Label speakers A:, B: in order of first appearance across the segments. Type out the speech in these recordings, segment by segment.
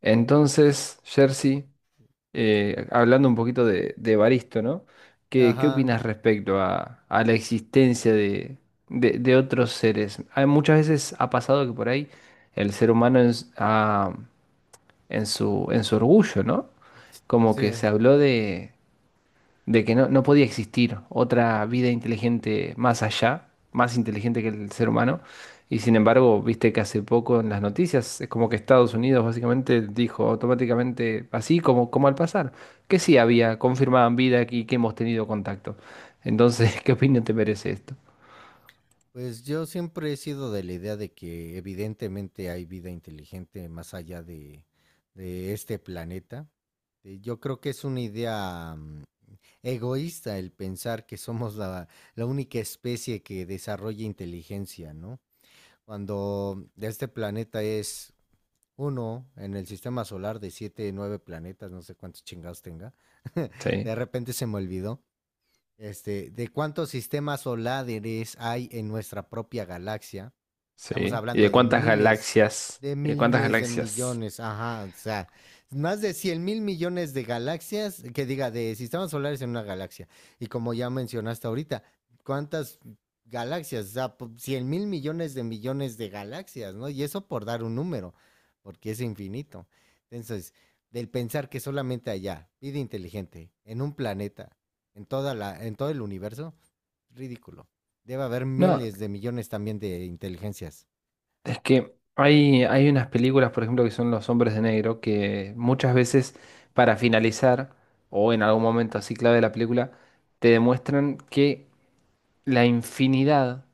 A: Entonces, Jersey, hablando un poquito de Evaristo, ¿no? ¿¿Qué
B: Ajá,
A: opinas respecto a la existencia de, de otros seres? Hay, muchas veces ha pasado que por ahí el ser humano en su orgullo, ¿no? Como que
B: sí.
A: se habló de que no, no podía existir otra vida inteligente más allá, más inteligente que el ser humano. Y sin
B: Ujú.
A: embargo, viste que hace poco en las noticias es como que Estados Unidos básicamente dijo automáticamente, así como, como al pasar, que sí había, confirmaban vida y que hemos tenido contacto. Entonces, ¿qué opinión te merece esto?
B: Pues yo siempre he sido de la idea de que evidentemente hay vida inteligente más allá de este planeta. Yo creo que es una idea egoísta el pensar que somos la única especie que desarrolla inteligencia, ¿no? Cuando este planeta es uno en el sistema solar de siete, nueve planetas, no sé cuántos chingados tenga. De
A: Sí,
B: repente se me olvidó. Este, de cuántos sistemas solares hay en nuestra propia galaxia. Estamos
A: sí. ¿Y de
B: hablando de
A: cuántas
B: miles,
A: galaxias?
B: de
A: ¿Y de cuántas
B: miles de
A: galaxias?
B: millones, ajá, o sea, más de 100 mil millones de galaxias, que diga, de sistemas solares en una galaxia. Y como ya mencionaste ahorita, ¿cuántas galaxias? O sea, 100 mil millones de galaxias, ¿no? Y eso por dar un número, porque es infinito. Entonces, del pensar que solamente allá, vida inteligente, en un planeta, en todo el universo, ridículo. Debe haber
A: No,
B: miles de millones también de inteligencias.
A: es que hay unas películas, por ejemplo, que son Los Hombres de Negro, que muchas veces para finalizar, o en algún momento así clave de la película, te demuestran que la infinidad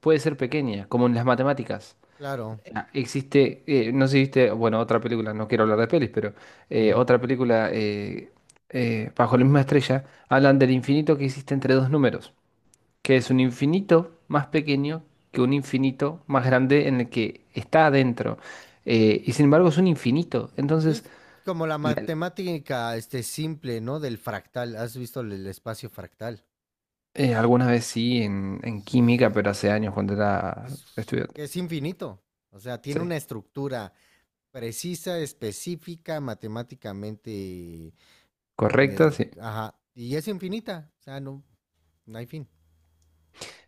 A: puede ser pequeña, como en las matemáticas.
B: Claro.
A: Ah, existe, no sé si viste, bueno, otra película, no quiero hablar de pelis, pero
B: Ujú.
A: otra película, Bajo la misma estrella, hablan del infinito que existe entre dos números que es un infinito más pequeño que un infinito más grande en el que está adentro. Y sin embargo es un infinito.
B: Sí,
A: Entonces,
B: es como la
A: la-
B: matemática, este, simple, ¿no? Del fractal. ¿Has visto el espacio fractal?
A: alguna vez sí en
B: Es,
A: química, pero hace años cuando era
B: es-
A: estudiante.
B: es infinito. O sea, tiene
A: Sí.
B: una estructura precisa, específica, matemáticamente,
A: ¿Correcta? Sí.
B: ajá, y es infinita. O sea, no hay fin.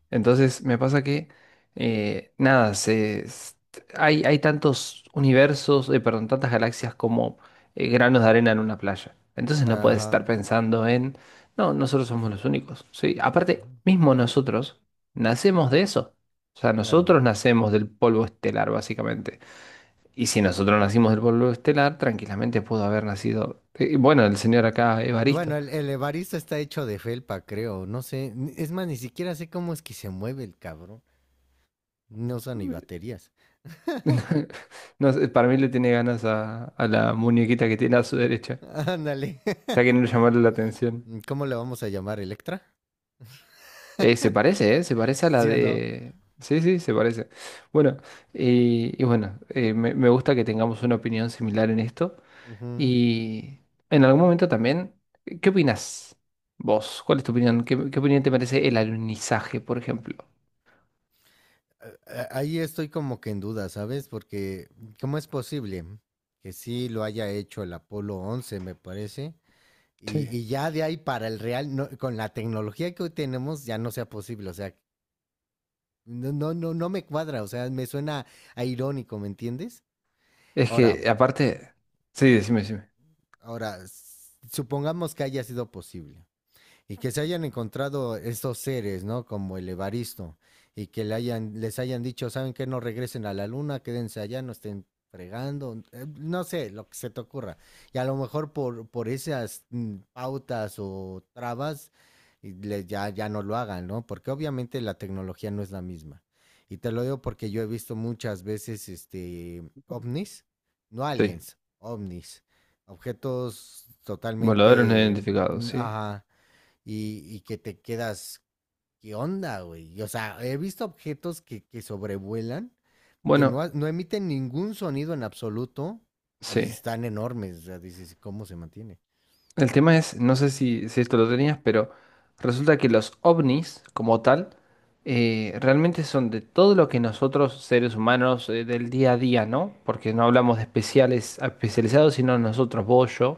A: Entonces me pasa que, nada, hay, hay tantos universos, perdón, tantas galaxias como granos de arena en una playa. Entonces no puedes estar
B: Ajá.
A: pensando en, no, nosotros somos los únicos, ¿sí? Aparte,
B: Ujú.
A: mismo nosotros nacemos de eso. O sea,
B: Claro.
A: nosotros nacemos del polvo estelar, básicamente. Y si nosotros nacimos del polvo estelar, tranquilamente pudo haber nacido, bueno, el señor acá,
B: Bueno,
A: Evaristo.
B: el Evaristo está hecho de felpa, creo. No sé. Es más, ni siquiera sé cómo es que se mueve el cabrón. No usa ni baterías.
A: No sé, para mí le tiene ganas a la muñequita que tiene a su derecha.
B: Ándale.
A: Está queriendo llamarle la atención.
B: ¿Cómo le vamos a llamar? ¿Electra?
A: Se parece, ¿eh? Se parece a la
B: ¿Sí o no?
A: de... Sí, sí, se parece. Bueno, y bueno, me, me gusta que tengamos una opinión similar en esto.
B: Ujú.
A: Y en algún momento también, ¿qué opinas vos? ¿Cuál es tu opinión? ¿¿Qué opinión te merece el alunizaje, por ejemplo?
B: Ahí estoy como que en duda, ¿sabes? Porque ¿cómo es posible que sí lo haya hecho el Apolo 11, me parece? Y,
A: Sí.
B: y ya de ahí para el real, con la tecnología que hoy tenemos, ya no sea posible. O sea, no, no, no, no me cuadra. O sea, me suena a irónico, ¿me entiendes?
A: Es que
B: Ahora,
A: aparte... Sí, decime, decime.
B: ahora, supongamos que haya sido posible, y que se hayan encontrado estos seres, ¿no? Como el Evaristo, y que le hayan, les hayan dicho, ¿saben qué? No regresen a la luna, quédense allá, no estén fregando, no sé, lo que se te ocurra. Y a lo mejor por esas pautas o trabas, ya, ya no lo hagan, ¿no? Porque obviamente la tecnología no es la misma. Y te lo digo porque yo he visto muchas veces este ovnis, no
A: Sí.
B: aliens, ovnis, objetos
A: Voladores no
B: totalmente
A: identificados, sí.
B: ajá, y que te quedas, ¿qué onda, güey? Y, o sea, he visto objetos que sobrevuelan, que no,
A: Bueno,
B: ha- no emiten ningún sonido en absoluto y
A: sí.
B: están enormes. O sea, dices, ¿cómo se mantiene?
A: El tema es, no sé si, si esto lo tenías, pero resulta que los ovnis, como tal, realmente son de todo lo que nosotros, seres humanos, del día a día, ¿no? Porque no hablamos de especiales, especializados, sino nosotros, vos, yo.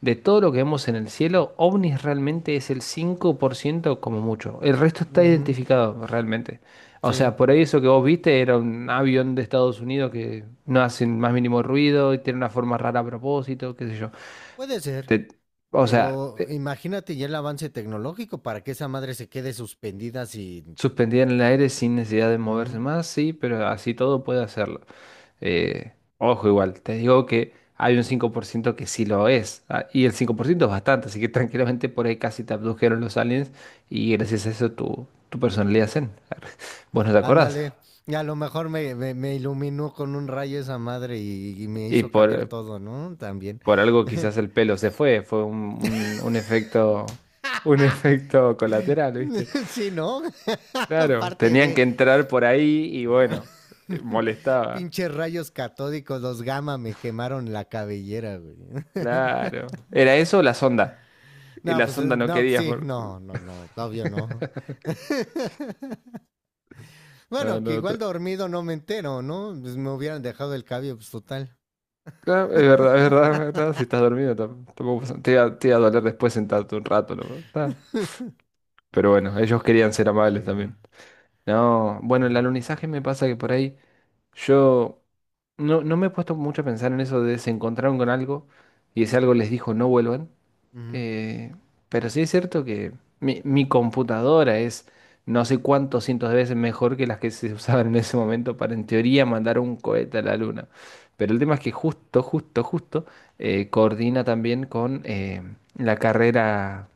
A: De todo lo que vemos en el cielo, ovnis realmente es el 5% como mucho. El resto está
B: Ujú,
A: identificado realmente. O
B: sí,
A: sea, por ahí eso que vos viste era un avión de Estados Unidos que no hace el más mínimo ruido y tiene una forma rara a propósito, qué sé yo.
B: puede ser.
A: Te- o sea,
B: Pero imagínate ya el avance tecnológico para que esa madre se quede suspendida sin...
A: suspendida en el aire sin necesidad de moverse
B: Ujú.
A: más, sí, pero así todo puede hacerlo. Eh, ojo, igual, te digo que hay un 5% que sí lo es, ah, y el 5% es bastante, así que tranquilamente por ahí casi te abdujeron los aliens y gracias a eso tu, tu personalidad zen. Vos no te acordás.
B: Ándale, y a lo mejor me iluminó con un rayo esa madre y me
A: Y
B: hizo cambiar todo, ¿no? También.
A: por algo quizás el pelo se fue, fue un, un efecto, un efecto colateral, ¿viste?
B: Sí, ¿no?
A: Claro,
B: Aparte
A: tenían
B: de
A: que entrar por ahí y bueno, molestaba.
B: pinches rayos catódicos, los gamma me quemaron la cabellera, güey.
A: Claro. ¿Era eso o la sonda? Y
B: No,
A: la
B: pues
A: sonda no
B: no,
A: querías
B: sí,
A: por...
B: no, no, no, obvio no.
A: No,
B: Bueno, que
A: no,
B: igual dormido no me entero, ¿no? Pues me hubieran dejado el cabello, pues total.
A: claro, es verdad, es verdad, es verdad. Si estás dormido tampoco pasa- te iba a doler después sentarte un rato, ¿no? Está. Pero bueno, ellos querían ser amables
B: Sí.
A: también. No, bueno, el alunizaje me pasa que por ahí yo no, no me he puesto mucho a pensar en eso de se encontraron con algo y ese algo les dijo no vuelvan.
B: Mhm.
A: Eh, pero sí es cierto que mi computadora es no sé cuántos cientos de veces mejor que las que se usaban en ese momento para en teoría mandar un cohete a la luna. Pero el tema es que justo coordina también con la carrera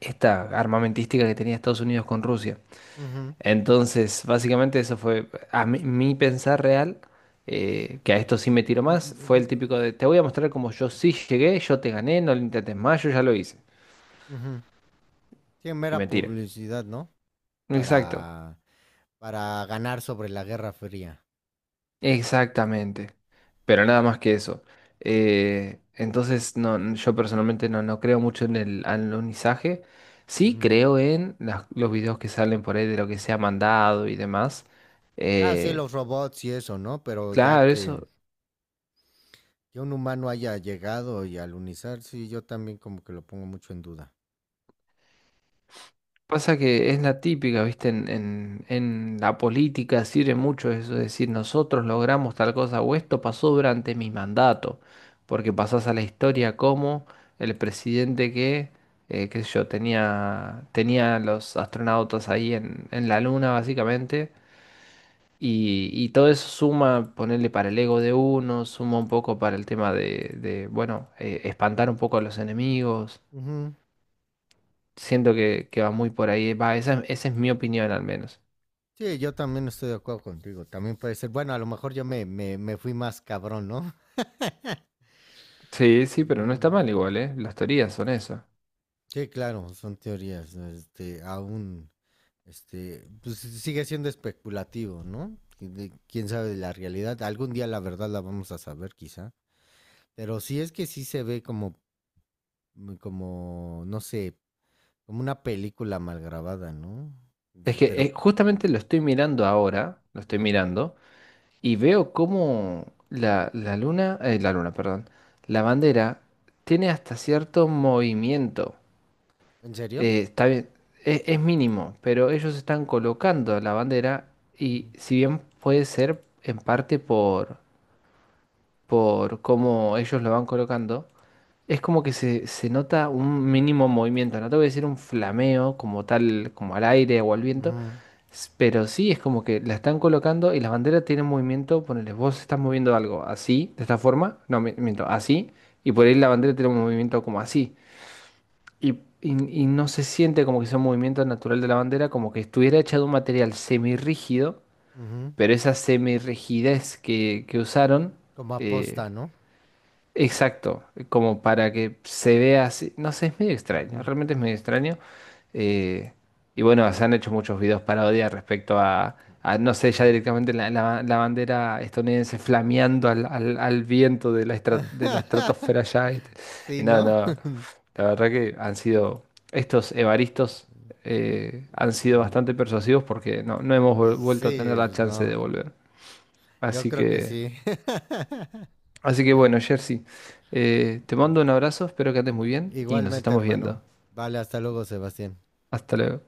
A: esta armamentística que tenía Estados Unidos con Rusia.
B: Mhm.
A: Entonces, básicamente eso fue a mi, mi pensar real, que a esto sí me tiro más, fue el típico de te voy a mostrar cómo yo sí llegué, yo te gané, no lo intentes más, yo ya lo hice.
B: Mhm. Sí,
A: Y
B: mera
A: mentira.
B: publicidad, ¿no?
A: Exacto,
B: Para, para ganar sobre la Guerra Fría.
A: exactamente. Pero nada más que eso. Entonces, no, yo personalmente no, no creo mucho en el anonizaje. Sí
B: Ujú.
A: creo en las- los videos que salen por ahí de lo que se ha mandado y demás.
B: Ah, sí,
A: Eh,
B: los robots y eso, ¿no? Pero ya
A: claro,
B: que
A: eso.
B: Que un humano haya llegado y alunizar, sí, yo también como que lo pongo mucho en duda.
A: Pasa que es la típica, ¿viste? En la política sirve mucho eso, es decir, nosotros logramos tal cosa o esto pasó durante mi mandato, porque pasás a la historia como el presidente que, qué sé yo, tenía, tenía los astronautas ahí en la luna, básicamente, y todo eso suma, ponerle para el ego de uno, suma un poco para el tema de, bueno, espantar un poco a los enemigos.
B: Ujú.
A: Siento que va muy por ahí, va, esa es mi opinión al menos.
B: Sí, yo también estoy de acuerdo contigo. También puede ser, bueno, a lo mejor yo me fui más cabrón, ¿no?
A: Sí, sí, pero no está
B: Mm,
A: mal igual, ¿eh? Las teorías son eso.
B: sí, claro, son teorías. Este, aún, este, pues sigue siendo especulativo, ¿no? Quién sabe de la realidad. Algún día la verdad la vamos a saber, quizá. Pero sí es que sí se ve como, como, no sé, como una película mal grabada, ¿no?
A: Es que
B: Pero.
A: justamente lo estoy mirando ahora, lo estoy
B: Ujú.
A: mirando, y veo cómo la, la luna, perdón, la bandera tiene hasta cierto movimiento.
B: ¿En serio?
A: Está bien, es mínimo, pero ellos están colocando la bandera y
B: Ujú,
A: si bien puede ser en parte por cómo ellos lo van colocando, es como que se nota un mínimo movimiento. No te voy a decir un flameo como tal, como al aire o al viento,
B: ujú,
A: pero sí es como que la están colocando y las banderas tienen movimiento. Ponele, vos estás moviendo algo así, de esta forma, no, miento, así, y por ahí la bandera tiene un movimiento como así. Y, y no se siente como que sea un movimiento natural de la bandera, como que estuviera hecha de un material semirrígido,
B: ujú.
A: pero esa semirrigidez que usaron.
B: Como
A: eh,
B: aposta, ¿no?
A: Exacto, como para que se vea así. No sé, es medio extraño,
B: Ujú,
A: realmente es medio extraño. Eh, y bueno, se han hecho muchos videos parodias respecto a, no sé, ya
B: ujú.
A: directamente la, la bandera estadounidense flameando al, al viento de la, de la estratosfera ya. Este. Y
B: Sí,
A: no,
B: ¿no?
A: no, la verdad que han sido, estos evaristos han sido bastante
B: Mm,
A: persuasivos porque no, no hemos vuelto a tener
B: sí,
A: la
B: pues
A: chance de
B: no.
A: volver.
B: Yo
A: Así
B: creo que
A: que...
B: sí.
A: Así que bueno, Jersey, te mando un abrazo, espero que andes muy bien y nos
B: Igualmente,
A: estamos
B: hermano.
A: viendo.
B: Vale, hasta luego, Sebastián.
A: Hasta luego.